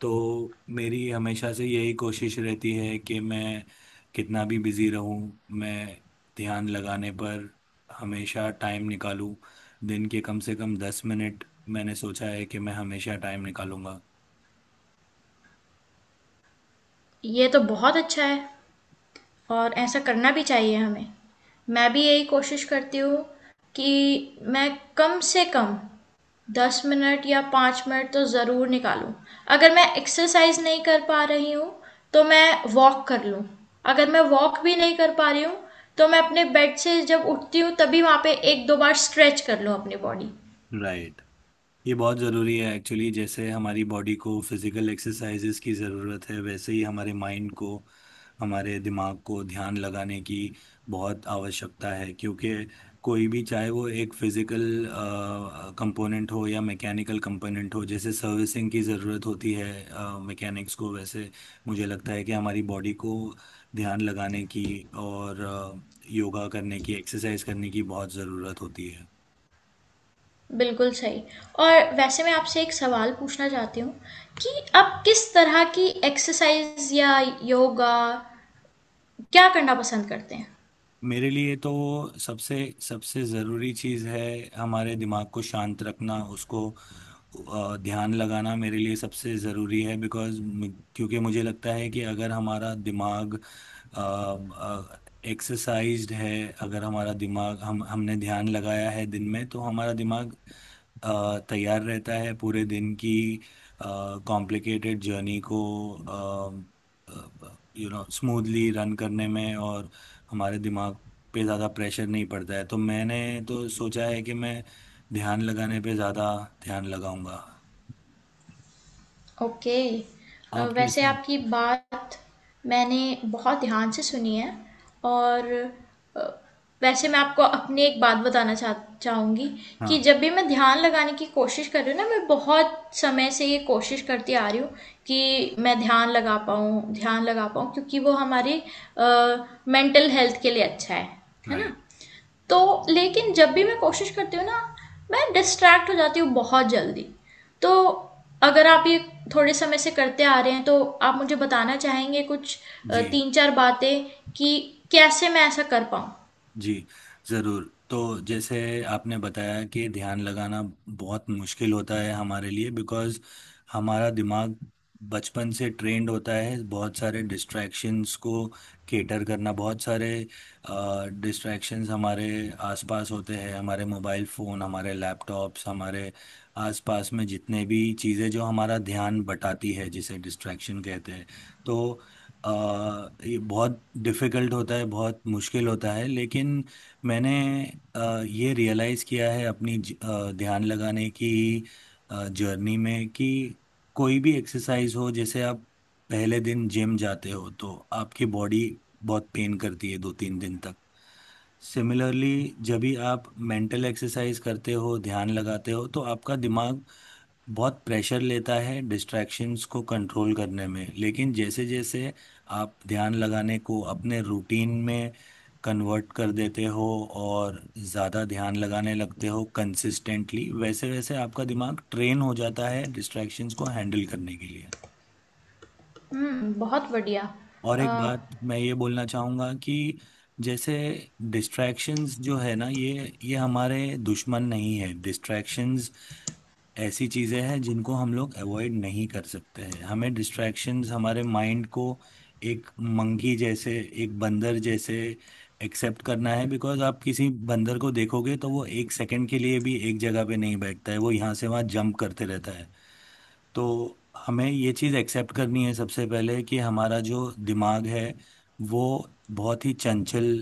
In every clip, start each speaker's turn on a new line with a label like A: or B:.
A: तो मेरी हमेशा से यही कोशिश रहती है कि मैं कितना भी बिज़ी रहूँ, मैं ध्यान लगाने पर हमेशा टाइम निकालूँ। दिन के कम से कम 10 मिनट मैंने सोचा है कि मैं हमेशा टाइम निकालूँगा।
B: ये तो बहुत अच्छा है और ऐसा करना भी चाहिए हमें। मैं भी यही कोशिश करती हूँ कि मैं कम से कम 10 मिनट या 5 मिनट तो ज़रूर निकालूं। अगर मैं एक्सरसाइज नहीं कर पा रही हूँ तो मैं वॉक कर लूँ। अगर मैं वॉक भी नहीं कर पा रही हूँ तो मैं अपने बेड से जब उठती हूँ तभी वहाँ पे 1-2 बार स्ट्रेच कर लूँ अपनी बॉडी।
A: राइट। ये बहुत ज़रूरी है एक्चुअली। जैसे हमारी बॉडी को फिज़िकल एक्सरसाइजेज़ की ज़रूरत है, वैसे ही हमारे माइंड को, हमारे दिमाग को ध्यान लगाने की बहुत आवश्यकता है। क्योंकि कोई भी चाहे वो एक फिज़िकल कंपोनेंट हो या मैकेनिकल कंपोनेंट हो, जैसे सर्विसिंग की ज़रूरत होती है मैकेनिक्स को, वैसे मुझे लगता है कि हमारी बॉडी को ध्यान लगाने की और योगा करने की, एक्सरसाइज करने की बहुत ज़रूरत होती है।
B: बिल्कुल सही। और वैसे मैं आपसे एक सवाल पूछना चाहती हूँ कि आप किस तरह की एक्सरसाइज़ या योगा क्या करना पसंद करते हैं?
A: मेरे लिए तो सबसे सबसे ज़रूरी चीज़ है हमारे दिमाग को शांत रखना, उसको ध्यान लगाना मेरे लिए सबसे ज़रूरी है। बिकॉज़ मु क्योंकि मुझे लगता है कि अगर हमारा दिमाग अ अ, एक्सरसाइज़्ड है, अगर हमारा दिमाग हम हमने ध्यान लगाया है दिन में, तो हमारा दिमाग तैयार रहता है पूरे दिन की अ, कॉम्प्लिकेटेड जर्नी को अ, ब ब यू नो स्मूथली रन करने में, और हमारे दिमाग पे ज़्यादा प्रेशर नहीं पड़ता है। तो मैंने तो सोचा है कि मैं ध्यान लगाने पे ज़्यादा ध्यान लगाऊंगा।
B: ओके।
A: आप
B: वैसे
A: कैसे।
B: आपकी बात मैंने बहुत ध्यान से सुनी है। और अ, वैसे मैं आपको अपनी एक बात बताना चाहूँगी कि
A: हाँ।
B: जब भी मैं ध्यान लगाने की कोशिश कर रही हूँ ना, मैं बहुत समय से ये कोशिश करती आ रही हूँ कि मैं ध्यान लगा पाऊँ, ध्यान लगा पाऊँ, क्योंकि वो हमारी मेंटल हेल्थ के लिए अच्छा है ना।
A: राइट।
B: तो लेकिन जब भी मैं कोशिश करती हूँ ना, मैं डिस्ट्रैक्ट हो जाती हूँ बहुत जल्दी। तो अगर आप ये थोड़े समय से करते आ रहे हैं, तो आप मुझे बताना चाहेंगे कुछ
A: जी।
B: 3-4 बातें कि कैसे मैं ऐसा कर पाऊँ?
A: जी, ज़रूर। तो जैसे आपने बताया कि ध्यान लगाना बहुत मुश्किल होता है हमारे लिए, बिकॉज़ हमारा दिमाग बचपन से ट्रेन्ड होता है बहुत सारे डिस्ट्रैक्शंस को कैटर करना। बहुत सारे डिस्ट्रैक्शंस हमारे आस-पास होते हैं, हमारे मोबाइल फ़ोन, हमारे लैपटॉप्स, हमारे आस-पास में जितने भी चीज़ें जो हमारा ध्यान बटाती है, जिसे डिस्ट्रैक्शन कहते हैं। तो अ, ये बहुत डिफ़िकल्ट होता है, बहुत मुश्किल होता है, लेकिन मैंने ये रियलाइज़ किया है अपनी ध्यान लगाने की जर्नी में कि कोई भी एक्सरसाइज़ हो, जैसे आप पहले दिन जिम जाते हो, तो आपकी बॉडी बहुत पेन करती है 2-3 दिन तक। सिमिलरली जब भी आप मेंटल एक्सरसाइज़ करते हो, ध्यान लगाते हो, तो आपका दिमाग बहुत प्रेशर लेता है डिस्ट्रैक्शंस को कंट्रोल करने में। लेकिन जैसे जैसे आप ध्यान लगाने को अपने रूटीन में कन्वर्ट कर देते हो और ज़्यादा ध्यान लगाने लगते हो कंसिस्टेंटली, वैसे वैसे आपका दिमाग ट्रेन हो जाता है डिस्ट्रैक्शंस को हैंडल करने के लिए।
B: हुँ, बहुत बढ़िया।
A: और
B: अ
A: एक बात मैं ये बोलना चाहूँगा कि जैसे डिस्ट्रैक्शंस जो है ना, ये हमारे दुश्मन नहीं है। डिस्ट्रैक्शंस ऐसी चीजें हैं जिनको हम लोग अवॉइड नहीं कर सकते हैं। हमें डिस्ट्रैक्शंस, हमारे माइंड को एक मंकी जैसे, एक बंदर जैसे एक्सेप्ट करना है। बिकॉज आप किसी बंदर को देखोगे तो वो एक सेकंड के लिए भी एक जगह पे नहीं बैठता है, वो यहाँ से वहाँ जंप करते रहता है। तो हमें ये चीज़ एक्सेप्ट करनी है सबसे पहले कि हमारा जो दिमाग है, वो बहुत ही चंचल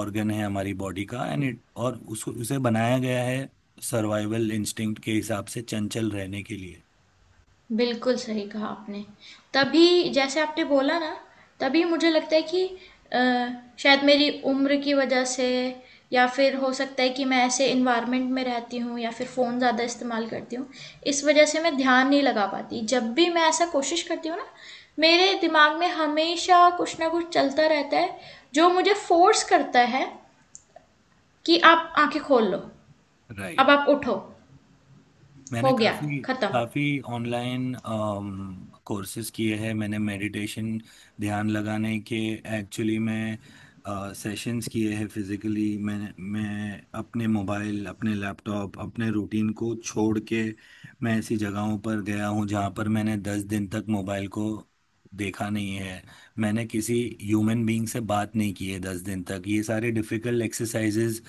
A: ऑर्गन है हमारी बॉडी का। एंड इट और उसको, उसे बनाया गया है सर्वाइवल इंस्टिंक्ट के हिसाब से चंचल रहने के लिए।
B: बिल्कुल सही कहा आपने। तभी जैसे आपने बोला ना, तभी मुझे लगता है कि अ, शायद मेरी उम्र की वजह से या फिर हो सकता है कि मैं ऐसे एनवायरनमेंट में रहती हूँ, या फिर फ़ोन ज़्यादा इस्तेमाल करती हूँ, इस वजह से मैं ध्यान नहीं लगा पाती। जब भी मैं ऐसा कोशिश करती हूँ ना, मेरे दिमाग में हमेशा कुछ ना कुछ चलता रहता है, जो मुझे फ़ोर्स करता है कि आप आँखें खोल लो, अब
A: राइट।
B: आप उठो,
A: मैंने
B: हो गया,
A: काफ़ी
B: खत्म।
A: काफ़ी ऑनलाइन कोर्सेज़ किए हैं। मैंने मेडिटेशन, ध्यान लगाने के एक्चुअली मैं सेशंस किए हैं फिज़िकली। मैं अपने मोबाइल, अपने लैपटॉप, अपने रूटीन को छोड़ के मैं ऐसी जगहों पर गया हूँ, जहाँ पर मैंने 10 दिन तक मोबाइल को देखा नहीं है। मैंने किसी ह्यूमन बीइंग से बात नहीं की है 10 दिन तक। ये सारे डिफ़िकल्ट एक्सरसाइज़ेज़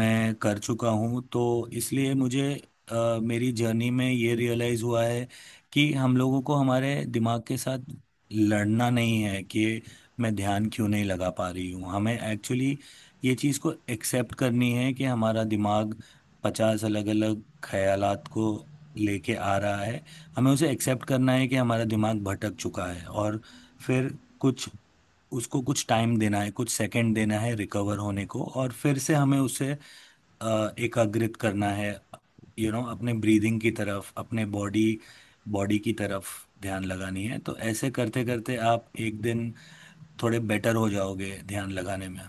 A: मैं कर चुका हूँ। तो इसलिए मुझे मेरी जर्नी में ये रियलाइज़ हुआ है कि हम लोगों को हमारे दिमाग के साथ लड़ना नहीं है कि मैं ध्यान क्यों नहीं लगा पा रही हूँ। हमें एक्चुअली ये चीज़ को एक्सेप्ट करनी है कि हमारा दिमाग 50 अलग-अलग ख़्यालात को लेके आ रहा है। हमें उसे एक्सेप्ट करना है कि हमारा दिमाग भटक चुका है, और फिर कुछ उसको कुछ टाइम देना है, कुछ सेकंड देना है रिकवर होने को, और फिर से हमें उसे एकाग्रित करना है, यू नो, अपने ब्रीदिंग की तरफ, अपने बॉडी बॉडी की तरफ ध्यान लगानी है। तो ऐसे करते करते आप एक दिन थोड़े बेटर हो जाओगे ध्यान लगाने में।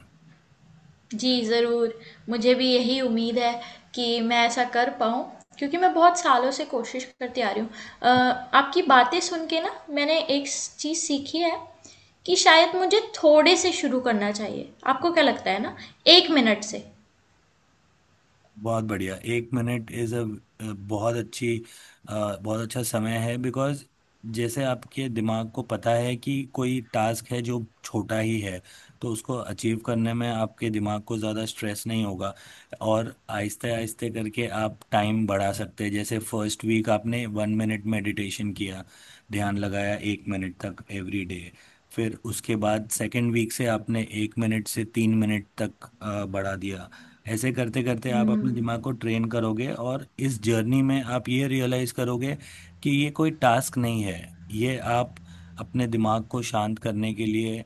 B: जी, ज़रूर। मुझे भी यही उम्मीद है कि मैं ऐसा कर पाऊँ क्योंकि मैं बहुत सालों से कोशिश करती आ रही हूँ। अ, आपकी बातें सुन के ना मैंने एक स चीज़ सीखी है कि शायद मुझे थोड़े से शुरू करना चाहिए। आपको क्या लगता है ना? 1 मिनट से।
A: बहुत बढ़िया। एक मिनट इज अ बहुत अच्छी बहुत अच्छा समय है। बिकॉज जैसे आपके दिमाग को पता है कि कोई टास्क है जो छोटा ही है, तो उसको अचीव करने में आपके दिमाग को ज़्यादा स्ट्रेस नहीं होगा। और आहिस्ते आहिस्ते करके आप टाइम बढ़ा सकते हैं। जैसे फर्स्ट वीक आपने 1 मिनट मेडिटेशन किया, ध्यान लगाया 1 मिनट तक एवरी डे। फिर उसके बाद सेकेंड वीक से आपने 1 मिनट से 3 मिनट तक बढ़ा दिया। ऐसे करते करते आप
B: हुँ।
A: अपने दिमाग को ट्रेन करोगे, और इस जर्नी में आप ये रियलाइज करोगे कि ये कोई टास्क नहीं है। ये आप अपने दिमाग को शांत करने के लिए,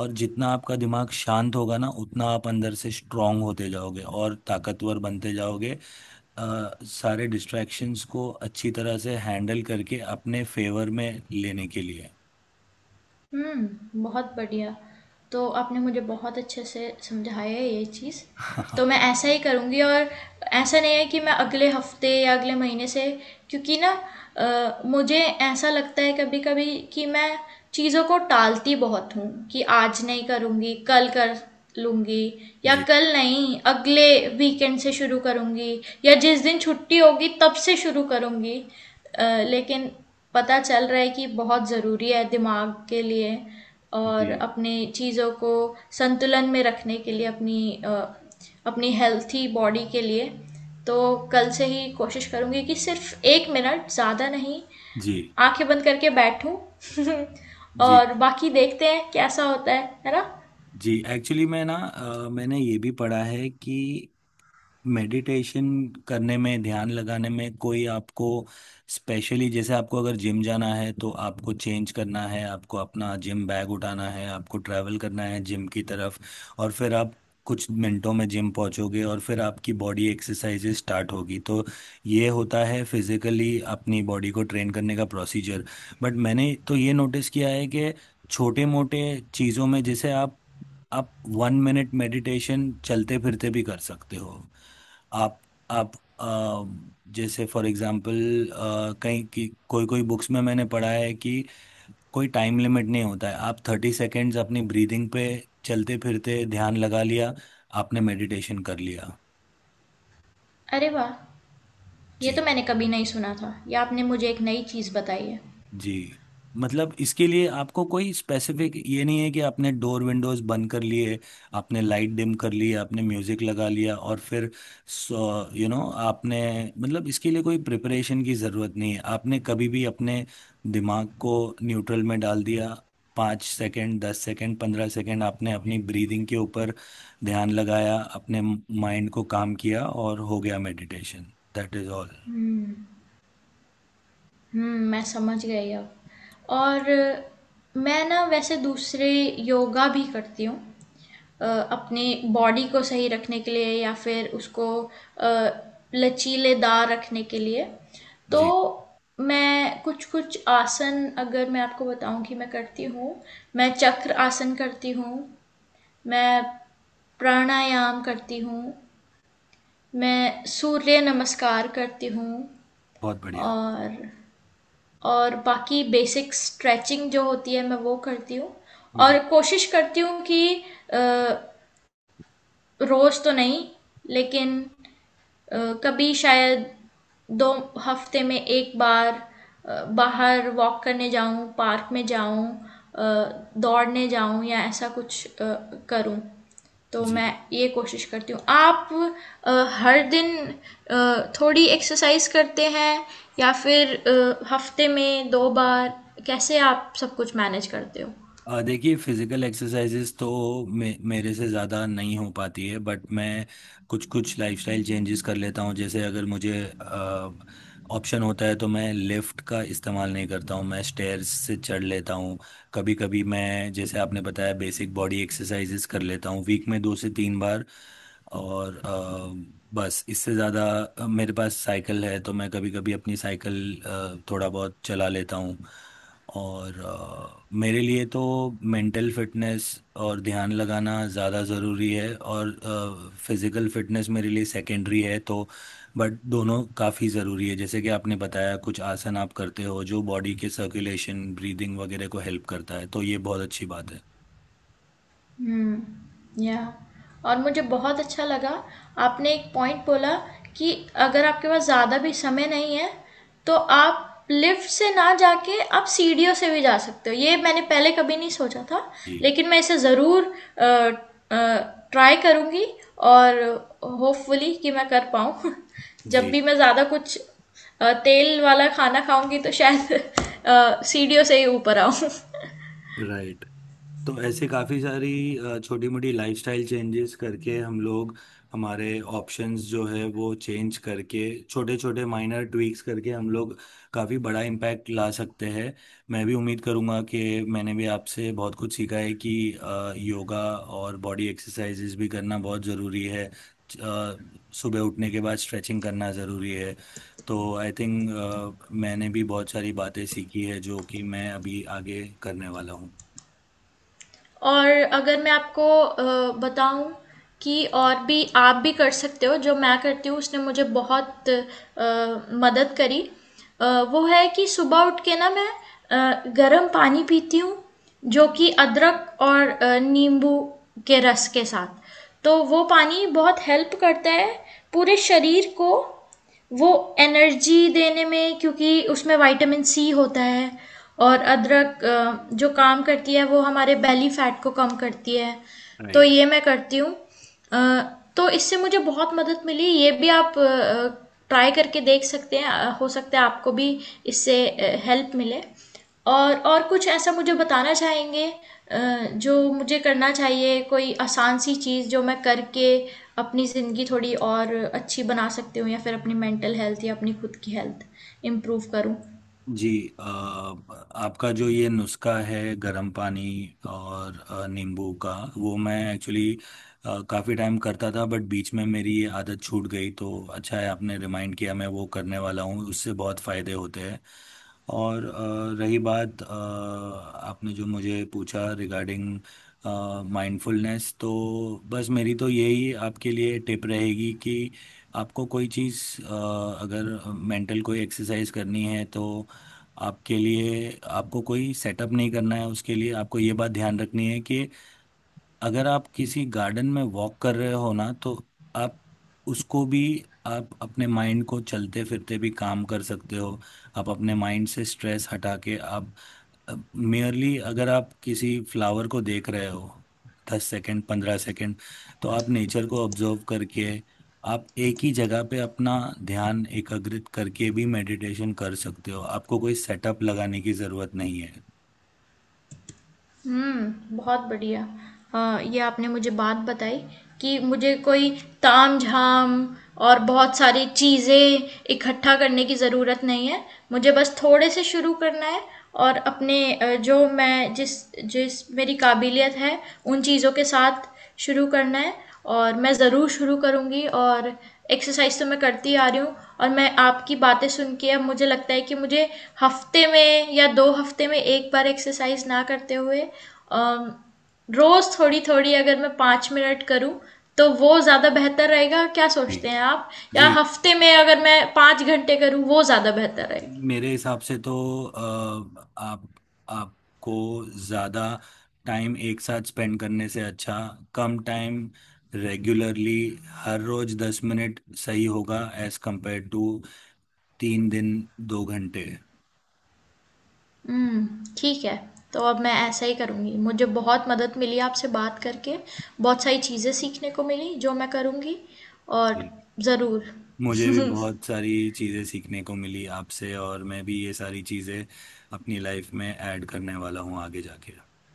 A: और जितना आपका दिमाग शांत होगा ना, उतना आप अंदर से स्ट्रांग होते जाओगे और ताकतवर बनते जाओगे, अ, सारे डिस्ट्रैक्शंस को अच्छी तरह से हैंडल करके अपने फेवर में लेने के लिए।
B: हुँ, बहुत बढ़िया। तो आपने मुझे बहुत अच्छे से समझाया है ये चीज़। तो मैं ऐसा ही करूँगी, और ऐसा नहीं है कि मैं अगले हफ्ते या अगले महीने से, क्योंकि ना मुझे ऐसा लगता है कभी कभी कि मैं चीज़ों को टालती बहुत हूँ कि आज नहीं करूँगी, कल कर लूँगी, या
A: जी।
B: कल नहीं अगले वीकेंड से शुरू करूँगी, या जिस दिन छुट्टी होगी तब से शुरू करूँगी। अ, लेकिन पता चल रहा है कि बहुत ज़रूरी है दिमाग के लिए और
A: जी।
B: अपने चीज़ों को संतुलन में रखने के लिए, अपनी अपनी हेल्थी बॉडी के लिए। तो कल से ही कोशिश करूँगी कि सिर्फ 1 मिनट, ज़्यादा नहीं,
A: जी।
B: आंखें बंद करके बैठूं।
A: जी।
B: और बाकी देखते हैं कैसा होता है ना।
A: जी एक्चुअली मैं ना, मैंने ये भी पढ़ा है कि मेडिटेशन करने में, ध्यान लगाने में कोई आपको स्पेशली, जैसे आपको अगर जिम जाना है तो आपको चेंज करना है, आपको अपना जिम बैग उठाना है, आपको ट्रैवल करना है जिम की तरफ, और फिर आप कुछ मिनटों में जिम पहुंचोगे, और फिर आपकी बॉडी एक्सरसाइजेज स्टार्ट होगी। तो ये होता है फिजिकली अपनी बॉडी को ट्रेन करने का प्रोसीजर। बट मैंने तो ये नोटिस किया है कि छोटे मोटे चीज़ों में, जैसे आप 1 मिनट मेडिटेशन चलते फिरते भी कर सकते हो। आप आप जैसे फॉर एग्जांपल, कहीं की कोई कोई बुक्स में मैंने पढ़ा है कि कोई टाइम लिमिट नहीं होता है। आप 30 सेकेंड्स अपनी ब्रीदिंग पे चलते फिरते ध्यान लगा लिया, आपने मेडिटेशन कर लिया।
B: अरे वाह! ये
A: जी।
B: तो मैंने कभी नहीं सुना था, ये आपने मुझे एक नई चीज़ बताई है।
A: जी। मतलब इसके लिए आपको कोई स्पेसिफ़िक ये नहीं है कि आपने डोर विंडोज़ बंद कर लिए, आपने लाइट डिम कर ली, आपने म्यूज़िक लगा लिया, और फिर सो यू नो आपने, मतलब इसके लिए कोई प्रिपरेशन की ज़रूरत नहीं है। आपने कभी भी अपने दिमाग को न्यूट्रल में डाल दिया, 5 सेकंड, 10 सेकंड, 15 सेकंड आपने अपनी ब्रीदिंग के ऊपर ध्यान लगाया, अपने म माइंड को काम किया, और हो गया मेडिटेशन। That is all.
B: हम्म। हम्म, मैं समझ गई अब। और मैं ना वैसे दूसरे योगा भी करती हूँ, अपने बॉडी को सही रखने के लिए या फिर उसको अ, लचीलेदार रखने के लिए। तो
A: जी,
B: मैं कुछ कुछ आसन, अगर मैं आपको बताऊं कि मैं करती हूँ, मैं चक्र आसन करती हूँ, मैं प्राणायाम करती हूँ, मैं सूर्य नमस्कार करती हूँ,
A: बहुत बढ़िया।
B: और और बाकी बेसिक स्ट्रेचिंग जो होती है मैं वो करती हूँ। और
A: जी,
B: कोशिश करती हूँ कि अ, रोज तो नहीं, लेकिन अ, कभी शायद 2 हफ़्ते में 1 बार बाहर वॉक करने जाऊँ, पार्क में जाऊँ, अ, दौड़ने जाऊँ या ऐसा कुछ करूँ, तो मैं
A: जी।
B: ये कोशिश करती हूँ। आप अ, हर दिन थोड़ी एक्सरसाइज़ करते हैं या फिर हफ़्ते में 2 बार? कैसे आप सब कुछ मैनेज करते हो?
A: देखिए फिजिकल एक्सरसाइजेस तो मे मेरे से ज़्यादा नहीं हो पाती है। बट मैं कुछ कुछ लाइफस्टाइल चेंजेस कर लेता हूँ। जैसे अगर मुझे ऑप्शन होता है तो मैं लिफ्ट का इस्तेमाल नहीं करता हूँ, मैं स्टेयर्स से चढ़ लेता हूँ। कभी कभी मैं, जैसे आपने बताया, बेसिक बॉडी एक्सरसाइजेस कर लेता हूँ वीक में 2 से 3 बार। और बस इससे ज़्यादा, मेरे पास साइकिल है तो मैं कभी कभी अपनी साइकिल थोड़ा बहुत चला लेता हूँ। और मेरे लिए तो मेंटल फिटनेस और ध्यान लगाना ज़्यादा ज़रूरी है, और फिज़िकल फिटनेस मेरे लिए सेकेंडरी है। तो बट दोनों काफ़ी ज़रूरी है। जैसे कि आपने बताया, कुछ आसन आप करते हो जो बॉडी के सर्कुलेशन, ब्रीदिंग वगैरह को हेल्प करता है, तो ये बहुत अच्छी बात है।
B: हुँ, या। और मुझे बहुत अच्छा लगा, आपने एक पॉइंट बोला कि अगर आपके पास ज़्यादा भी समय नहीं है, तो आप लिफ्ट से ना जाके आप सीढ़ियों से भी जा सकते हो। ये मैंने पहले कभी नहीं सोचा था,
A: जी।
B: लेकिन मैं इसे ज़रूर अ ट्राई करूँगी और होपफुली कि मैं कर पाऊँ। जब
A: जी।
B: भी मैं ज़्यादा कुछ तेल वाला खाना खाऊँगी तो शायद सीढ़ियों से ही ऊपर आऊँ।
A: राइट। तो ऐसे काफ़ी सारी छोटी-मोटी लाइफ़स्टाइल चेंजेस करके हम लोग हमारे ऑप्शंस जो है वो चेंज करके, छोटे-छोटे माइनर ट्वीक्स करके हम लोग काफ़ी बड़ा इम्पैक्ट ला सकते हैं। मैं भी उम्मीद करूँगा कि, मैंने भी आपसे बहुत कुछ सीखा है कि योगा और बॉडी एक्सरसाइज़ेस भी करना बहुत ज़रूरी है। च अ, सुबह उठने के बाद स्ट्रेचिंग करना ज़रूरी है। तो आई थिंक मैंने भी बहुत सारी बातें सीखी है जो कि मैं अभी आगे करने वाला हूँ।
B: और अगर मैं आपको बताऊं कि और भी आप भी कर सकते हो जो मैं करती हूँ, उसने मुझे बहुत मदद करी। अ, वो है कि सुबह उठ के ना मैं गर्म पानी पीती हूँ, जो कि अदरक और नींबू के रस के साथ। तो वो पानी बहुत हेल्प करता है पूरे शरीर को, वो एनर्जी देने में, क्योंकि उसमें विटामिन सी होता है। और अदरक जो काम करती है, वो हमारे बेली फैट को कम करती है। तो
A: राइट।
B: ये मैं करती हूँ, अ, तो इससे मुझे बहुत मदद मिली। ये भी आप ट्राई करके देख सकते हैं, हो सकता है आपको भी इससे हेल्प मिले। और कुछ ऐसा मुझे बताना चाहेंगे जो मुझे करना चाहिए, कोई आसान सी चीज़ जो मैं करके अपनी ज़िंदगी थोड़ी और अच्छी बना सकती हूँ, या फिर अपनी मेंटल हेल्थ या अपनी खुद की हेल्थ इम्प्रूव करूँ?
A: जी। आपका जो ये नुस्खा है गरम पानी और नींबू का, वो मैं एक्चुअली काफ़ी टाइम करता था। बट बीच में मेरी ये आदत छूट गई। तो अच्छा है आपने रिमाइंड किया, मैं वो करने वाला हूँ, उससे बहुत फ़ायदे होते हैं। और रही बात, आपने जो मुझे पूछा रिगार्डिंग माइंडफुलनेस, तो बस मेरी तो यही आपके लिए टिप रहेगी कि आपको कोई चीज़, अगर मेंटल कोई एक्सरसाइज करनी है तो आपके लिए, आपको कोई सेटअप नहीं करना है उसके लिए। आपको ये बात ध्यान रखनी है कि अगर आप किसी गार्डन में वॉक कर रहे हो ना, तो आप उसको भी आप अपने माइंड को चलते-फिरते भी काम कर सकते हो। आप अपने माइंड से स्ट्रेस हटा के आप मेयरली अगर आप किसी फ्लावर को देख रहे हो, 10 सेकंड, 15 सेकंड, तो आप नेचर को ऑब्ज़र्व करके आप एक ही जगह पे अपना ध्यान एकाग्रित करके भी मेडिटेशन कर सकते हो। आपको कोई सेटअप लगाने की ज़रूरत नहीं है।
B: हुँ, बहुत बढ़िया। ये आपने मुझे बात बताई कि मुझे कोई तामझाम और बहुत सारी चीज़ें इकट्ठा करने की ज़रूरत नहीं है। मुझे बस थोड़े से शुरू करना है और अपने जो मैं जिस जिस मेरी काबिलियत है, उन चीज़ों के साथ शुरू करना है, और मैं ज़रूर शुरू करूँगी। और एक्सरसाइज तो मैं करती आ रही हूँ, और मैं आपकी बातें सुन के अब मुझे लगता है कि मुझे हफ्ते में या 2 हफ्ते में 1 बार एक्सरसाइज ना करते हुए, रोज़ थोड़ी थोड़ी, अगर मैं 5 मिनट करूँ, तो वो ज़्यादा बेहतर रहेगा। क्या
A: जी।
B: सोचते हैं आप?
A: जी।
B: या हफ्ते में अगर मैं 5 घंटे करूँ, वो ज़्यादा बेहतर रहेगा?
A: मेरे हिसाब से तो अ, आप आपको ज़्यादा टाइम एक साथ स्पेंड करने से अच्छा, कम टाइम रेगुलरली, हर रोज 10 मिनट सही होगा एज कंपेयर टू 3 दिन 2 घंटे।
B: हुँ, ठीक है। तो अब मैं ऐसा ही करूँगी। मुझे बहुत मदद मिली आपसे बात करके, बहुत सारी चीज़ें सीखने को मिली जो मैं करूँगी, और
A: जी।
B: ज़रूर।
A: मुझे भी बहुत सारी चीज़ें सीखने को मिली आपसे, और मैं भी ये सारी चीज़ें अपनी लाइफ में ऐड करने वाला हूँ आगे जाके।